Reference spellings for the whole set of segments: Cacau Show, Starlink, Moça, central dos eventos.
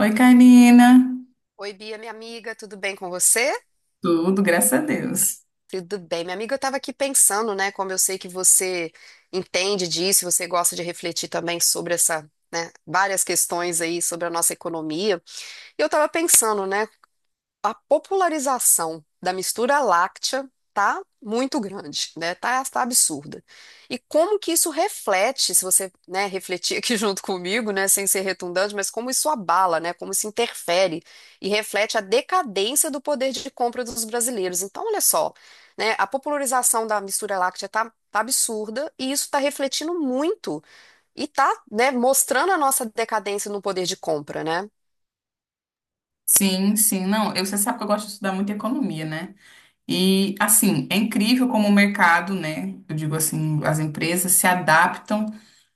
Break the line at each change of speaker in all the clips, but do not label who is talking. Oi, Karina.
Oi, Bia, minha amiga, tudo bem com você?
Tudo, graças a Deus.
Tudo bem, minha amiga, eu estava aqui pensando, né, como eu sei que você entende disso, você gosta de refletir também sobre essa, né, várias questões aí sobre a nossa economia. E eu estava pensando, né, a popularização da mistura láctea tá muito grande, né? Tá absurda. E como que isso reflete, se você, né, refletir aqui junto comigo, né, sem ser redundante, mas como isso abala, né? Como isso interfere e reflete a decadência do poder de compra dos brasileiros. Então, olha só, né, a popularização da mistura láctea tá absurda e isso está refletindo muito e tá, né, mostrando a nossa decadência no poder de compra, né?
Sim, sim, não. Eu, Você sabe que eu gosto de estudar muito economia, né? E, assim, é incrível como o mercado, né? Eu digo assim, as empresas se adaptam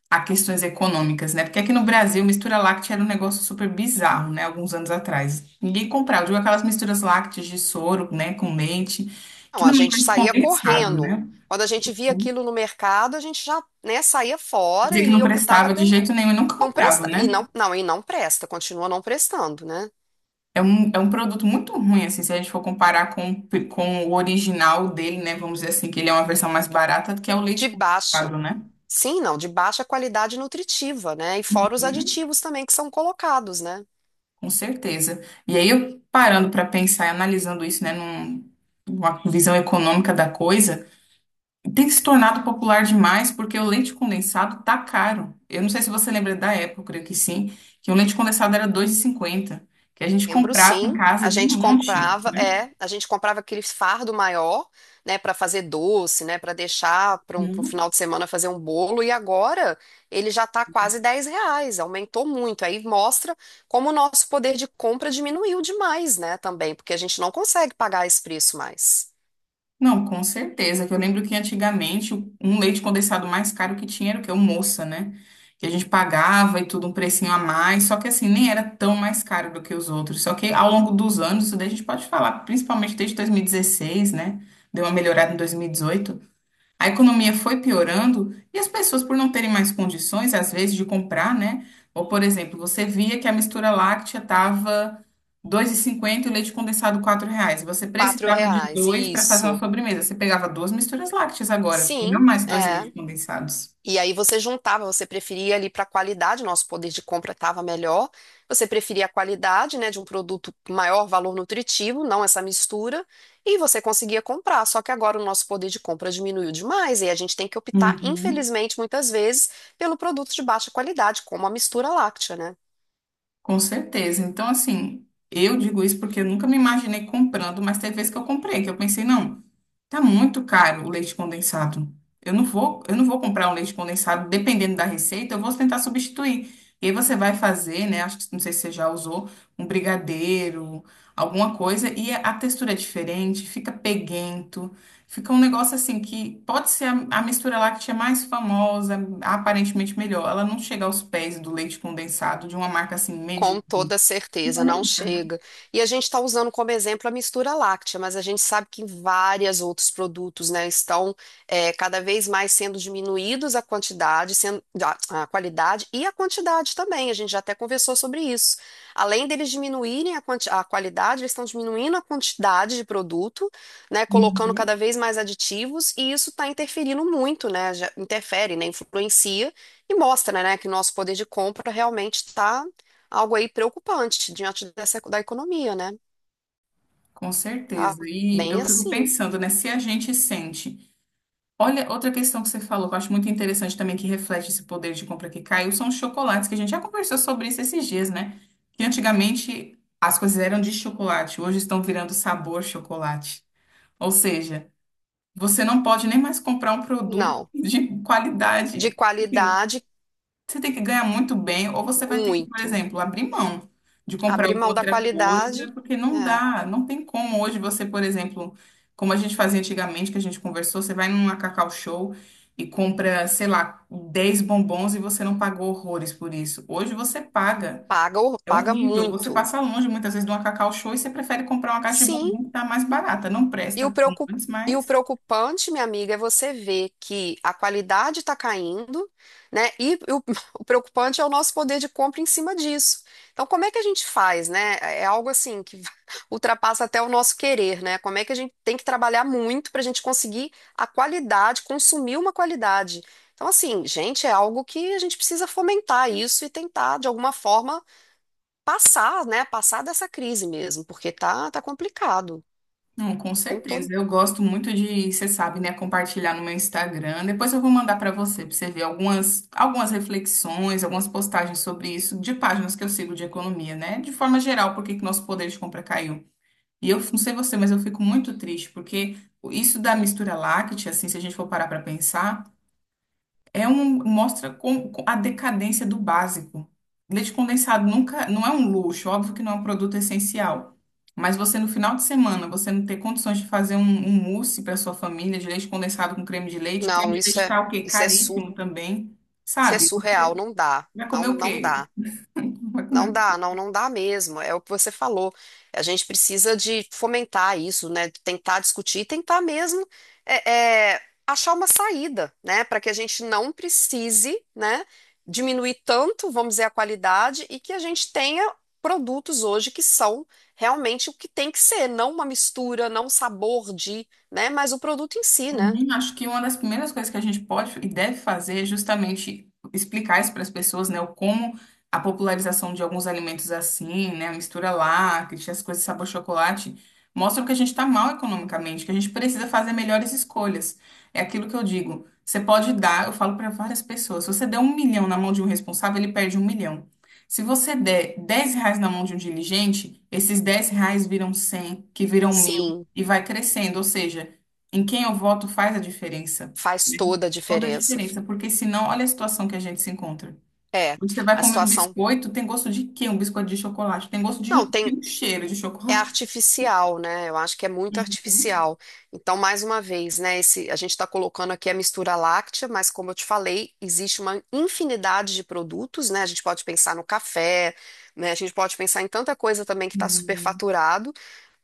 a questões econômicas, né? Porque aqui no Brasil, mistura láctea era um negócio super bizarro, né? Alguns anos atrás. Ninguém comprava. Eu digo aquelas misturas lácteas de soro, né? Com leite,
Não,
que
a
não
gente
era de
saía
condensado,
correndo.
né?
Quando a gente via aquilo no mercado, a gente já, né, saía fora
Dizia que não
e optava
prestava de
pelo
jeito nenhum e nunca
não
comprava,
presta e
né?
não presta, continua não prestando, né?
É um produto muito ruim, assim, se a gente for comparar com, com o original dele, né? Vamos dizer assim, que ele é uma versão mais barata, que é o leite
De baixa,
condensado, né?
sim, não, de baixa qualidade nutritiva, né? E fora os
Uhum.
aditivos também que são colocados, né?
Com certeza. E aí, eu parando para pensar e analisando isso, né, numa visão econômica da coisa, tem se tornado popular demais porque o leite condensado tá caro. Eu não sei se você lembra da época, eu creio que sim, que o leite condensado era 2,50 que a gente
Lembro,
comprava em
sim.
casa
A
de
gente
monte,
comprava,
né?
é, a gente comprava aquele fardo maior, né, para fazer doce, né, para deixar pra um
Uhum.
final de semana fazer um bolo. E agora ele já está quase R$ 10, aumentou muito. Aí mostra como o nosso poder de compra diminuiu demais, né, também, porque a gente não consegue pagar esse preço mais.
Não, com certeza. Que eu lembro que antigamente um leite condensado mais caro que tinha era o quê? O Moça, né? Que a gente pagava e tudo um precinho a mais. Só que assim, nem era tão mais caro do que os outros. Só que ao longo dos anos, isso daí a gente pode falar, principalmente desde 2016, né? Deu uma melhorada em 2018. A economia foi piorando e as pessoas, por não terem mais condições, às vezes, de comprar, né? Ou, por exemplo, você via que a mistura láctea estava 2,50, e o leite condensado R$ 4. Você
Quatro
precisava de
reais,
dois para fazer uma
isso.
sobremesa. Você pegava duas misturas lácteas agora, e não
Sim,
mais dois
é.
leites condensados.
E aí você juntava, você preferia ali para a qualidade, nosso poder de compra estava melhor, você preferia a qualidade, né, de um produto com maior valor nutritivo, não essa mistura, e você conseguia comprar. Só que agora o nosso poder de compra diminuiu demais e a gente tem que optar,
Uhum.
infelizmente, muitas vezes, pelo produto de baixa qualidade, como a mistura láctea, né?
Com certeza. Então, assim, eu digo isso porque eu nunca me imaginei comprando, mas teve vezes que eu comprei, que eu pensei, não, tá muito caro o leite condensado. Eu não vou comprar um leite condensado, dependendo da receita, eu vou tentar substituir. E aí você vai fazer, né? Acho que não sei se você já usou um brigadeiro, alguma coisa, e a textura é diferente, fica peguento. Fica um negócio assim que pode ser a mistura láctea mais famosa, aparentemente melhor. Ela não chega aos pés do leite condensado de uma marca assim
Com
medíocre.
toda certeza,
Também,
não
né?
chega. E a gente está usando como exemplo a mistura láctea, mas a gente sabe que vários outros produtos, né, estão cada vez mais sendo diminuídos a quantidade, sendo, a qualidade e a quantidade também. A gente já até conversou sobre isso. Além deles diminuírem a, a qualidade, eles estão diminuindo a quantidade de produto, né, colocando cada
Uhum.
vez mais aditivos, e isso está interferindo muito, né, já interfere, né, influencia e mostra, né, que nosso poder de compra realmente está algo aí preocupante diante dessa, da economia, né?
Com
Tá
certeza. E
bem
eu fico
assim.
pensando, né, se a gente sente. Olha, outra questão que você falou, que eu acho muito interessante também, que reflete esse poder de compra que caiu, são os chocolates, que a gente já conversou sobre isso esses dias, né? Que antigamente as coisas eram de chocolate, hoje estão virando sabor chocolate. Ou seja, você não pode nem mais comprar um produto
Não,
de
de
qualidade. Assim,
qualidade,
você tem que ganhar muito bem, ou você vai ter que, por
muito.
exemplo, abrir mão de comprar
Abrir
alguma
mão da
outra
qualidade,
coisa, porque não
é,
dá, não tem como. Hoje você, por exemplo, como a gente fazia antigamente, que a gente conversou, você vai numa Cacau Show e compra, sei lá, 10 bombons e você não pagou horrores por isso. Hoje você paga.
paga,
É
paga
horrível. Você
muito.
passa longe muitas vezes de uma Cacau Show e você prefere comprar uma caixa de
Sim,
bombom que tá mais barata. Não
E
presta,
e o
mas.
preocupante, minha amiga, é você ver que a qualidade está caindo, né? E o, o preocupante é o nosso poder de compra em cima disso. Então, como é que a gente faz, né? É algo assim que ultrapassa até o nosso querer, né? Como é que a gente tem que trabalhar muito para a gente conseguir a qualidade, consumir uma qualidade. Então, assim, gente, é algo que a gente precisa fomentar isso e tentar, de alguma forma, passar, né? Passar dessa crise mesmo, porque tá complicado.
Não, com
Como
certeza. Eu gosto muito de, você sabe, né, compartilhar no meu Instagram. Depois eu vou mandar para você ver algumas reflexões, algumas postagens sobre isso, de páginas que eu sigo de economia, né? De forma geral, por que que nosso poder de compra caiu. E eu não sei você, mas eu fico muito triste, porque isso da mistura láctea, assim, se a gente for parar para pensar. É um, mostra com a decadência do básico. Leite condensado nunca, não é um luxo, óbvio que não é um produto essencial. Mas você no final de semana, você não ter condições de fazer um mousse para sua família de leite condensado com creme de leite. Creme
não,
de leite tá o quê?
isso é sur,
Caríssimo também,
isso é
sabe?
surreal, não dá,
Vai comer o
não
quê?
dá,
Vai comer
não
o
dá,
quê?
não dá mesmo. É o que você falou. A gente precisa de fomentar isso, né? Tentar discutir e tentar mesmo achar uma saída, né? Para que a gente não precise, né? Diminuir tanto, vamos dizer, a qualidade e que a gente tenha produtos hoje que são realmente o que tem que ser, não uma mistura, não um sabor de, né? Mas o produto em si, né?
Uhum. Acho que uma das primeiras coisas que a gente pode e deve fazer é justamente explicar isso para as pessoas, né? O como a popularização de alguns alimentos assim, né? A mistura láctea, as coisas sabor chocolate, mostram que a gente está mal economicamente, que a gente precisa fazer melhores escolhas. É aquilo que eu digo. Você pode dar, eu falo para várias pessoas, se você der 1 milhão na mão de um responsável, ele perde 1 milhão. Se você der R$ 10 na mão de um diligente, esses R$ 10 viram 100, que viram 1000
Sim.
e vai crescendo. Ou seja, em quem eu voto faz a diferença,
Faz
né?
toda a
Toda a
diferença.
diferença, porque senão, olha a situação que a gente se encontra.
É,
Você vai
a
comer um
situação.
biscoito, tem gosto de quê? Um biscoito de chocolate, tem gosto
Não,
de
tem,
um cheiro de
é
chocolate.
artificial, né? Eu acho que é muito
Uhum.
artificial. Então, mais uma vez, né? Esse, a gente está colocando aqui a mistura láctea, mas como eu te falei, existe uma infinidade de produtos, né? A gente pode pensar no café, né? A gente pode pensar em tanta coisa também que está
Sim.
superfaturado,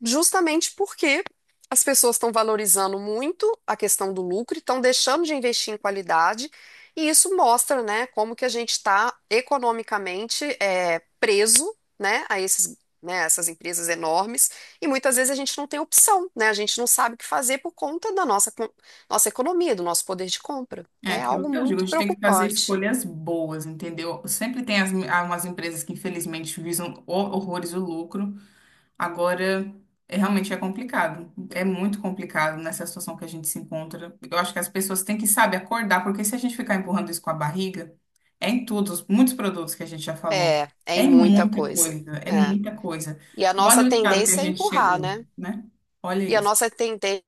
justamente porque as pessoas estão valorizando muito a questão do lucro, e estão deixando de investir em qualidade. E isso mostra, né, como que a gente está economicamente preso, né, a esses né, essas empresas enormes, e muitas vezes a gente não tem opção, né? A gente não sabe o que fazer por conta da nossa, nossa economia, do nosso poder de compra.
É
É
aquilo
algo
que eu digo, a
muito
gente tem que fazer
preocupante.
escolhas boas, entendeu? Sempre tem algumas empresas que, infelizmente, visam horrores o lucro, agora, é, realmente é complicado. É muito complicado nessa situação que a gente se encontra. Eu acho que as pessoas têm que, sabe, acordar, porque se a gente ficar empurrando isso com a barriga, é em todos, muitos produtos que a gente já falou.
É, é
É
em
em
muita
muita
coisa.
coisa, é
É.
muita coisa.
E a
E
nossa
olha o estado que a
tendência é
gente
empurrar,
chegou,
né?
né? Olha
E a
isso.
nossa tendência,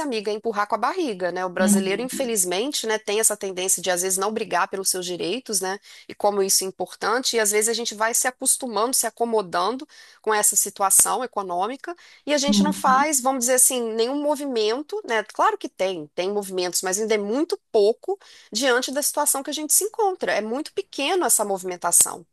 amiga, é empurrar com a barriga, né? O brasileiro, infelizmente, né, tem essa tendência de às vezes não brigar pelos seus direitos, né? E como isso é importante, e às vezes a gente vai se acostumando, se acomodando com essa situação econômica, e a gente não
Uhum.
faz, vamos dizer assim, nenhum movimento, né? Claro que tem movimentos, mas ainda é muito pouco diante da situação que a gente se encontra. É muito pequeno essa movimentação.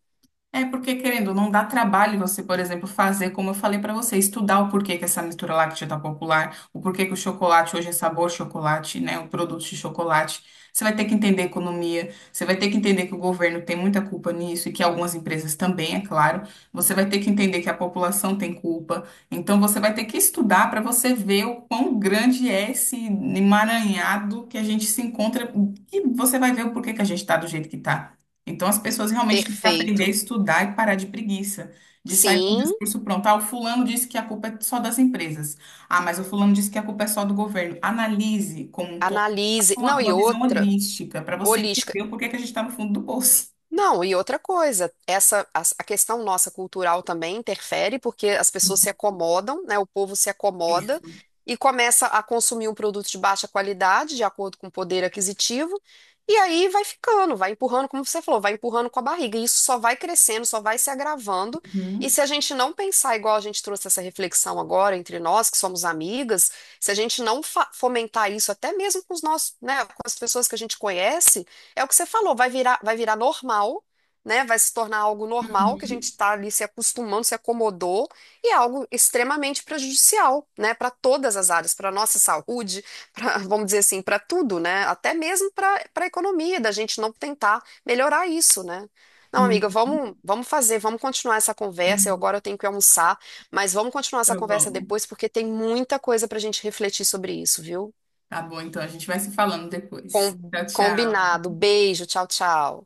É porque, querendo, não dá trabalho você, por exemplo, fazer, como eu falei pra você, estudar o porquê que essa mistura láctea tá popular, o porquê que o chocolate hoje é sabor chocolate, né? O produto de chocolate. Você vai ter que entender a economia, você vai ter que entender que o governo tem muita culpa nisso e que algumas empresas também, é claro. Você vai ter que entender que a população tem culpa. Então, você vai ter que estudar pra você ver o quão grande é esse emaranhado que a gente se encontra e você vai ver o porquê que a gente tá do jeito que tá. Então, as pessoas realmente têm que aprender a
Perfeito.
estudar e parar de preguiça, de sair com o
Sim,
discurso pronto. Ah, o fulano disse que a culpa é só das empresas. Ah, mas o fulano disse que a culpa é só do governo. Analise como um todo, faça
analise. Não, e
uma visão
outra,
holística para você
holística.
entender o porquê que a gente está no fundo do bolso.
Não, e outra coisa, essa a questão nossa cultural também interfere, porque as pessoas se acomodam, né? O povo se acomoda
Isso.
e começa a consumir um produto de baixa qualidade, de acordo com o poder aquisitivo, e aí vai ficando, vai empurrando, como você falou, vai empurrando com a barriga, e isso só vai crescendo, só vai se agravando. E
Uhum.
se a gente não pensar igual a gente trouxe essa reflexão agora entre nós, que somos amigas, se a gente não fomentar isso até mesmo com os nossos, né, com as pessoas que a gente conhece, é o que você falou, vai virar normal, né? Vai se tornar algo normal, que a gente
Hum?
está ali se acostumando, se acomodou, e é algo extremamente prejudicial, né? Para todas as áreas, para a nossa saúde, pra, vamos dizer assim, para tudo, né? Até mesmo para a economia, da gente não tentar melhorar isso, né? Não, amiga,
Uhum.
vamos, vamos fazer, vamos continuar essa conversa. Eu agora eu tenho que almoçar, mas vamos continuar essa
Tá
conversa
bom.
depois, porque tem muita coisa para a gente refletir sobre isso, viu?
Tá bom, então a gente vai se falando depois. Tchau, tchau.
Combinado. Beijo, tchau, tchau.